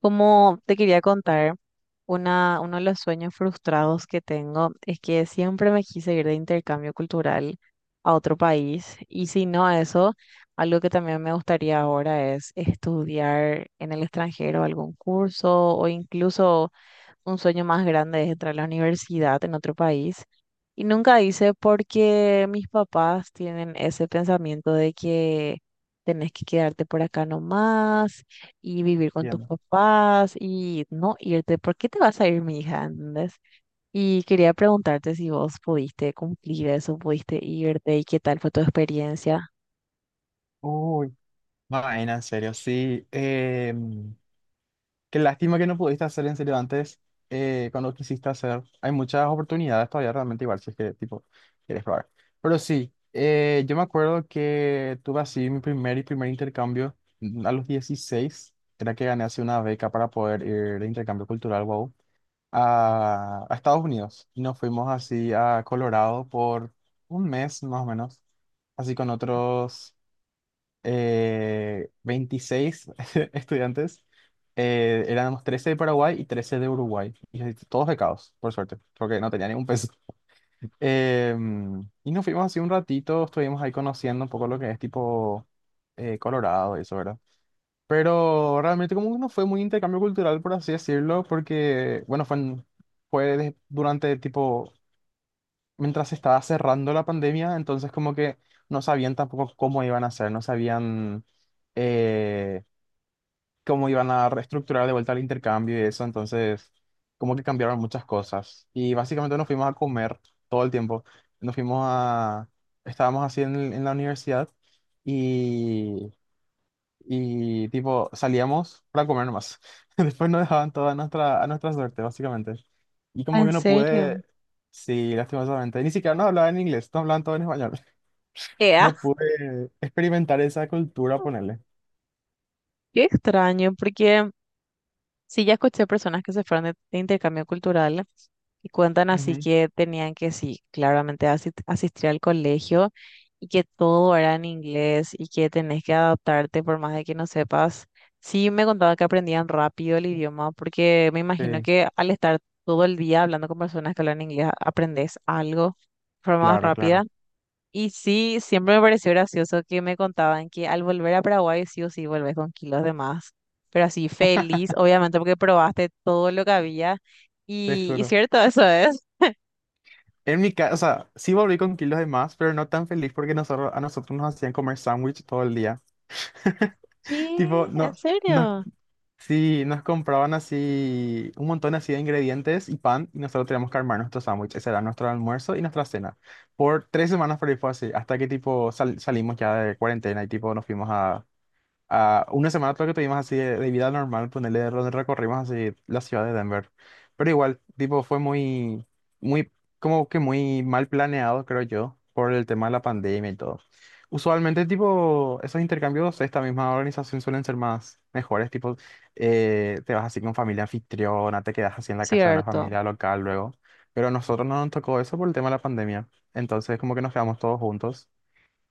Como te quería contar, una, uno de los sueños frustrados que tengo es que siempre me quise ir de intercambio cultural a otro país y si no a eso, algo que también me gustaría ahora es estudiar en el extranjero algún curso o incluso un sueño más grande es entrar a la universidad en otro país. Y nunca hice porque mis papás tienen ese pensamiento de que tenés que quedarte por acá nomás y vivir con tus Entiendo. papás y no irte. ¿Por qué te vas a ir, mi hija? ¿Entendés? Y quería preguntarte si vos pudiste cumplir eso, pudiste irte y qué tal fue tu experiencia. Uy, vaina, en serio, sí. em, Qué lástima que no pudiste hacer en serio antes, cuando quisiste hacer. Hay muchas oportunidades todavía realmente igual, si es que tipo quieres probar. Pero sí, yo me acuerdo que tuve así mi primer intercambio a los 16. Era que gané así una beca para poder ir de intercambio cultural, wow, a Estados Unidos. Y nos fuimos así a Colorado por un mes más o menos, así con otros 26 estudiantes. Éramos 13 de Paraguay y 13 de Uruguay, y todos becados, por suerte, porque no tenía ningún peso. Y nos fuimos así un ratito, estuvimos ahí conociendo un poco lo que es tipo Colorado y eso, ¿verdad? Pero realmente como que no fue muy intercambio cultural, por así decirlo, porque, bueno, fue, en- fue de- durante tipo mientras se estaba cerrando la pandemia, entonces como que no sabían tampoco cómo iban a hacer, no sabían eh, cómo iban a reestructurar de vuelta el intercambio y eso. Entonces como que cambiaron muchas cosas. Y básicamente nos fuimos a comer todo el tiempo, nos fuimos a, estábamos así en la universidad y tipo salíamos para comer nomás. Después nos dejaban a nuestra suerte, básicamente. Y como ¿En que no serio? pude, sí, lastimosamente, ni siquiera no hablaban en inglés, no hablaban todo en español. Ea, No pude experimentar esa cultura, ponerle. qué extraño, porque sí, ya escuché personas que se fueron de intercambio cultural y cuentan así Ujú. que tenían que, sí, claramente asistir al colegio y que todo era en inglés y que tenés que adaptarte por más de que no sepas. Sí, me contaba que aprendían rápido el idioma porque me imagino Sí, que al estar todo el día hablando con personas que hablan inglés, aprendes algo de forma más claro, rápida. claro, Y sí, siempre me pareció gracioso que me contaban que al volver a Paraguay sí o sí volvés con kilos de más, pero así feliz, obviamente porque probaste todo lo que había te y juro. cierto, eso es. En mi casa, o sea, sí volví con kilos de más, pero no tan feliz porque nosotros, a nosotros nos hacían comer sándwich todo el día. Tipo, ¿Qué? ¿En no, nos serio? Sí, nos compraban así un montón así de ingredientes y pan, y nosotros teníamos que armar nuestro sándwich. Ese era nuestro almuerzo y nuestra cena. Por 3 semanas por ahí fue así, hasta que tipo salimos ya de cuarentena y tipo ah, una semana creo que tuvimos así de vida normal, ponerle, donde recorrimos así la ciudad de Denver. Pero igual, tipo, fue muy, muy, como que muy mal planeado, creo yo, por el tema de la pandemia y todo. Usualmente, tipo, esos intercambios, esta misma organización, suelen ser más mejores, tipo, te vas así con familia anfitriona, te quedas así en la casa de una Cierto. familia local luego. Pero a nosotros no nos tocó eso por el tema de la pandemia. Entonces, como que nos quedamos todos juntos.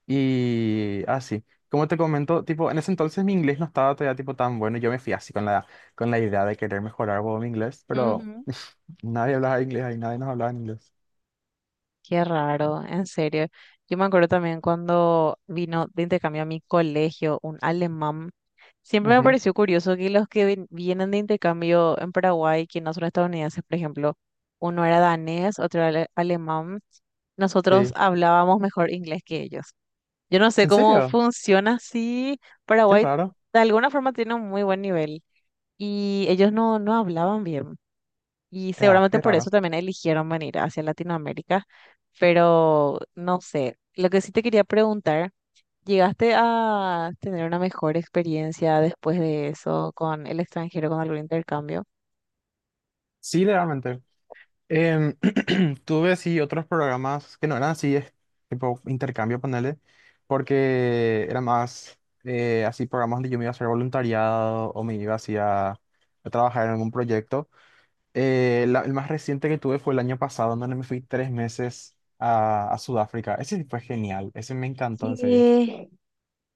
Y así, como te comento, tipo, en ese entonces mi inglés no estaba todavía tipo tan bueno, yo me fui así con la idea de querer mejorar, huevón, mi inglés, pero Ujú. nadie hablaba inglés ahí, nadie nos hablaba en inglés. Qué raro, en serio. Yo me acuerdo también cuando vino de intercambio a mi colegio un alemán. Siempre me Ujú. pareció curioso que los que vienen de intercambio en Paraguay, que no son estadounidenses, por ejemplo, uno era danés, otro era alemán, nosotros Sí. hablábamos mejor inglés que ellos. Yo no sé ¿En cómo serio? funciona así. Qué Paraguay raro. de alguna forma tiene un muy buen nivel y ellos no hablaban bien. Y Ya, seguramente qué por eso raro. también eligieron venir hacia Latinoamérica, pero no sé, lo que sí te quería preguntar, ¿llegaste a tener una mejor experiencia después de eso con el extranjero, con algún intercambio? Sí, realmente. Em, tuve así otros programas que no eran así, es tipo intercambio, ponerle, porque era más así programas donde yo me iba a hacer voluntariado o me iba así a trabajar en algún proyecto. El más reciente que tuve fue el año pasado, donde me fui 3 meses a Sudáfrica. Ese sí fue genial, ese me encantó, en serio. Sí.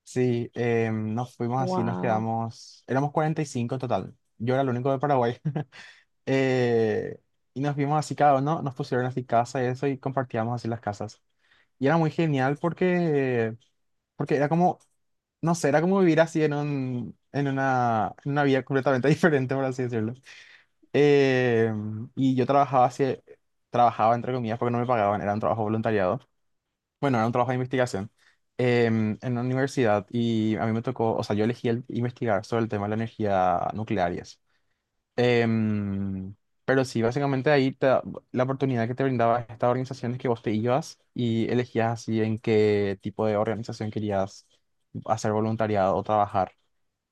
Sí, nos fuimos así, nos Wow, quedamos, éramos 45 en total. Yo era el único de Paraguay. Eh, y nos vimos así cada uno, nos pusieron así casa y eso, y compartíamos así las casas. Y era muy genial porque, porque era como, no sé, era como vivir así en una vida completamente diferente, por así decirlo. Eh, y yo trabajaba así, trabajaba entre comillas porque no me pagaban, era un trabajo voluntariado. Bueno, era un trabajo de investigación en una universidad, y a mí me tocó, o sea, yo elegí investigar sobre el tema de la energía nuclear y eso. Em, pero sí, básicamente ahí la oportunidad que te brindaba esta organización es que vos te ibas y elegías así en qué tipo de organización querías hacer voluntariado o trabajar,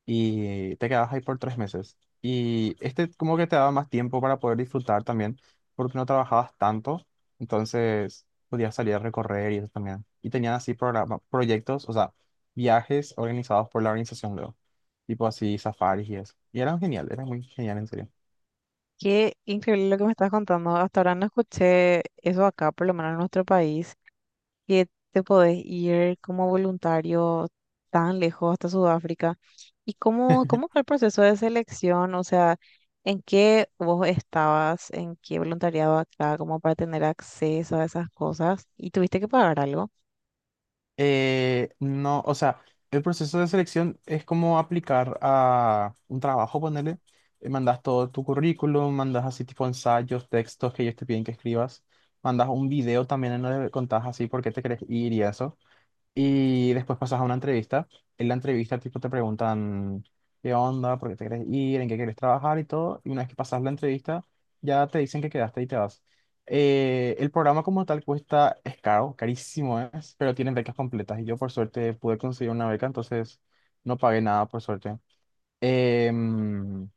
y te quedabas ahí por 3 meses. Y este como que te daba más tiempo para poder disfrutar también, porque no trabajabas tanto, entonces podías salir a recorrer y eso también. Y tenían así programa, proyectos, o sea, viajes organizados por la organización luego, tipo así, safaris y eso. Y eran genial, eran muy genial, en serio. qué increíble lo que me estás contando. Hasta ahora no escuché eso acá, por lo menos en nuestro país, que te podés ir como voluntario tan lejos hasta Sudáfrica. ¿Y cómo, cómo fue el proceso de selección? O sea, ¿en qué vos estabas? ¿En qué voluntariado acá? Como para tener acceso a esas cosas. ¿Y tuviste que pagar algo? No, o sea, el proceso de selección es como aplicar a un trabajo, ponele. Mandas todo tu currículum, mandas así tipo ensayos, textos que ellos te piden que escribas. Mandas un video también, en donde contás así por qué te querés ir y eso. Y después pasas a una entrevista. En la entrevista, tipo, te preguntan qué onda, por qué te quieres ir, en qué quieres trabajar y todo. Y una vez que pasas la entrevista, ya te dicen que quedaste y te vas. El programa como tal cuesta, es caro, carísimo es, pero tienen becas completas. Y yo, por suerte, pude conseguir una beca, entonces no pagué nada, por suerte. Em,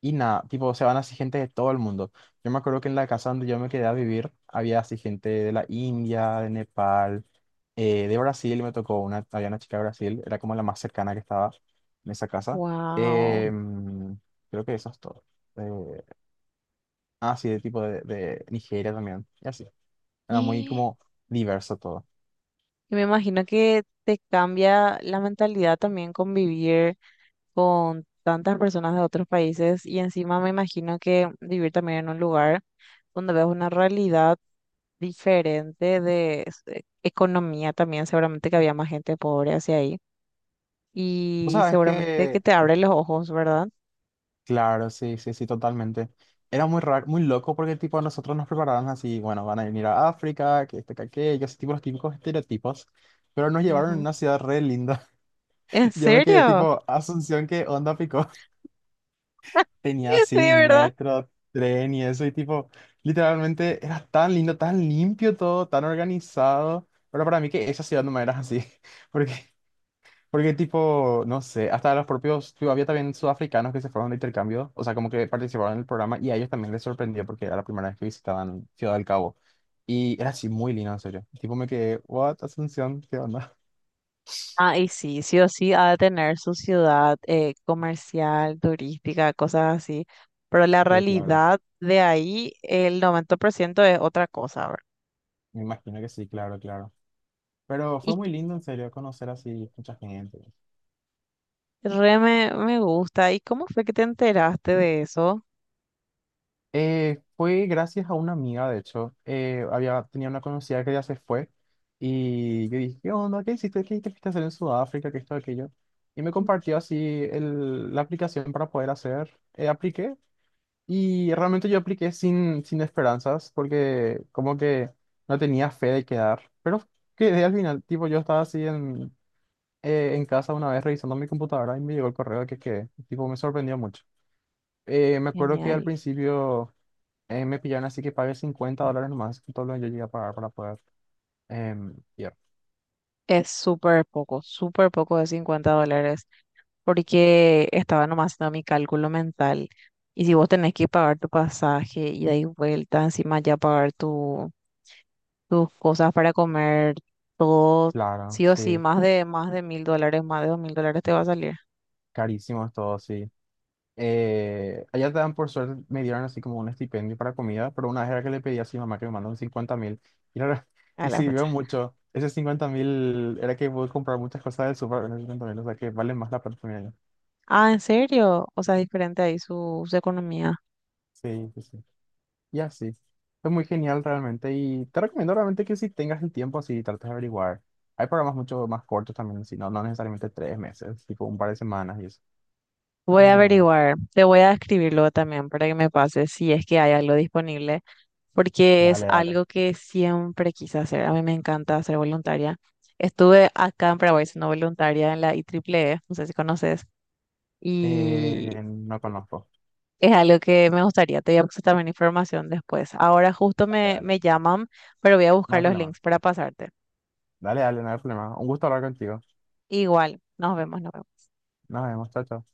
y nada, tipo, se van así gente de todo el mundo. Yo me acuerdo que en la casa donde yo me quedé a vivir había así gente de la India, de Nepal, de Brasil. Me tocó una, había una chica de Brasil, era como la más cercana que estaba en esa casa. Wow. Em, Creo que eso es todo. Eh, ah, sí, de tipo de Nigeria también, y así. Era muy como diverso todo. Y me imagino que te cambia la mentalidad también convivir con tantas personas de otros países y encima me imagino que vivir también en un lugar donde ves una realidad diferente de economía también, seguramente que había más gente pobre hacia ahí ¿Vos y sabés seguramente que que? te abre los ojos, ¿verdad? Claro, sí, sí, sí, totalmente. Era muy raro, muy loco, porque tipo nosotros nos prepararon así, bueno, van a venir a África, que este, que aquello, así tipo los típicos estereotipos, pero nos llevaron a Ujú. una ciudad re linda. ¿En Yo me quedé serio? tipo, Asunción, ¿qué onda, pico? Tenía De así verdad. metro, tren y eso, y tipo, literalmente era tan lindo, tan limpio todo, tan organizado, pero para mí que esa ciudad no me era así, porque porque tipo, no sé, hasta los propios, tipo, había también sudafricanos que se fueron de intercambio, o sea, como que participaron en el programa, y a ellos también les sorprendió porque era la primera vez que visitaban Ciudad del Cabo. Y era así muy lindo, en serio. Tipo, me quedé, what, Asunción, ¿qué onda? Ah, y sí, sí o sí ha de tener su ciudad comercial, turística, cosas así, pero la Sí, claro, realidad de ahí, el 90% es otra cosa, ¿verdad? me imagino que sí, claro, claro. Pero fue Y muy lindo, en serio, conocer así mucha gente. Re me gusta. ¿Y cómo fue que te enteraste de eso? Fue gracias a una amiga, de hecho. Tenía una conocida que ya se fue, y yo dije, ¿qué onda? ¿Qué hiciste? ¿Qué te fuiste a hacer en Sudáfrica? ¿Qué esto, aquello? Y me compartió así la aplicación para poder hacer. Apliqué, y realmente yo apliqué sin esperanzas, porque como que no tenía fe de quedar. Pero quedé al final. Tipo, yo estaba así en casa una vez revisando mi computadora, y me llegó el correo de que quedé. Tipo, me sorprendió mucho. Me acuerdo que al Genial. principio me pillaron así, que pagué $50 nomás, que todo lo que yo llegué a pagar para poder ir. Es súper poco de $50, porque estaba nomás haciendo mi cálculo mental. Y si vos tenés que pagar tu pasaje ida y vuelta, encima ya pagar tu, tus cosas para comer, todo, Claro, sí o sí, sí, más de mil dólares, más de $2.000 te va a salir carísimo es todo, sí. Allá te dan, por suerte, me dieron así como un estipendio para comida, pero una vez era que le pedí a mi mamá que me mandó un 50.000. Y, a y la sirvió fecha. mucho. Ese 50.000 era que pude comprar muchas cosas del súper con esos 50 mil, o sea que vale más la plata, que me dieron. Ah, ¿en serio? O sea, es diferente ahí su, su economía. Sí, sí, sí. Y así. Es muy genial, realmente. Y te recomiendo realmente que si tengas el tiempo así, trates de averiguar. Hay programas mucho más cortos también, si no, no necesariamente 3 meses, tipo un par de semanas y eso. Está Voy a muy bueno. averiguar, te voy a escribir luego también para que me pases si es que hay algo disponible, porque es Dale, dale. algo que siempre quise hacer. A mí me encanta ser voluntaria. Estuve acá en Paraguay siendo voluntaria en la IEEE, no sé si conoces, y No conozco. es algo que me gustaría. Te voy a pasar también información después. Ahora justo Dale, dale. me llaman, pero voy a No buscar hay los problema. links para pasarte. Dale, dale, no hay problema. Un gusto hablar contigo. Igual, nos vemos, nos vemos. Nos vemos, chao, chao.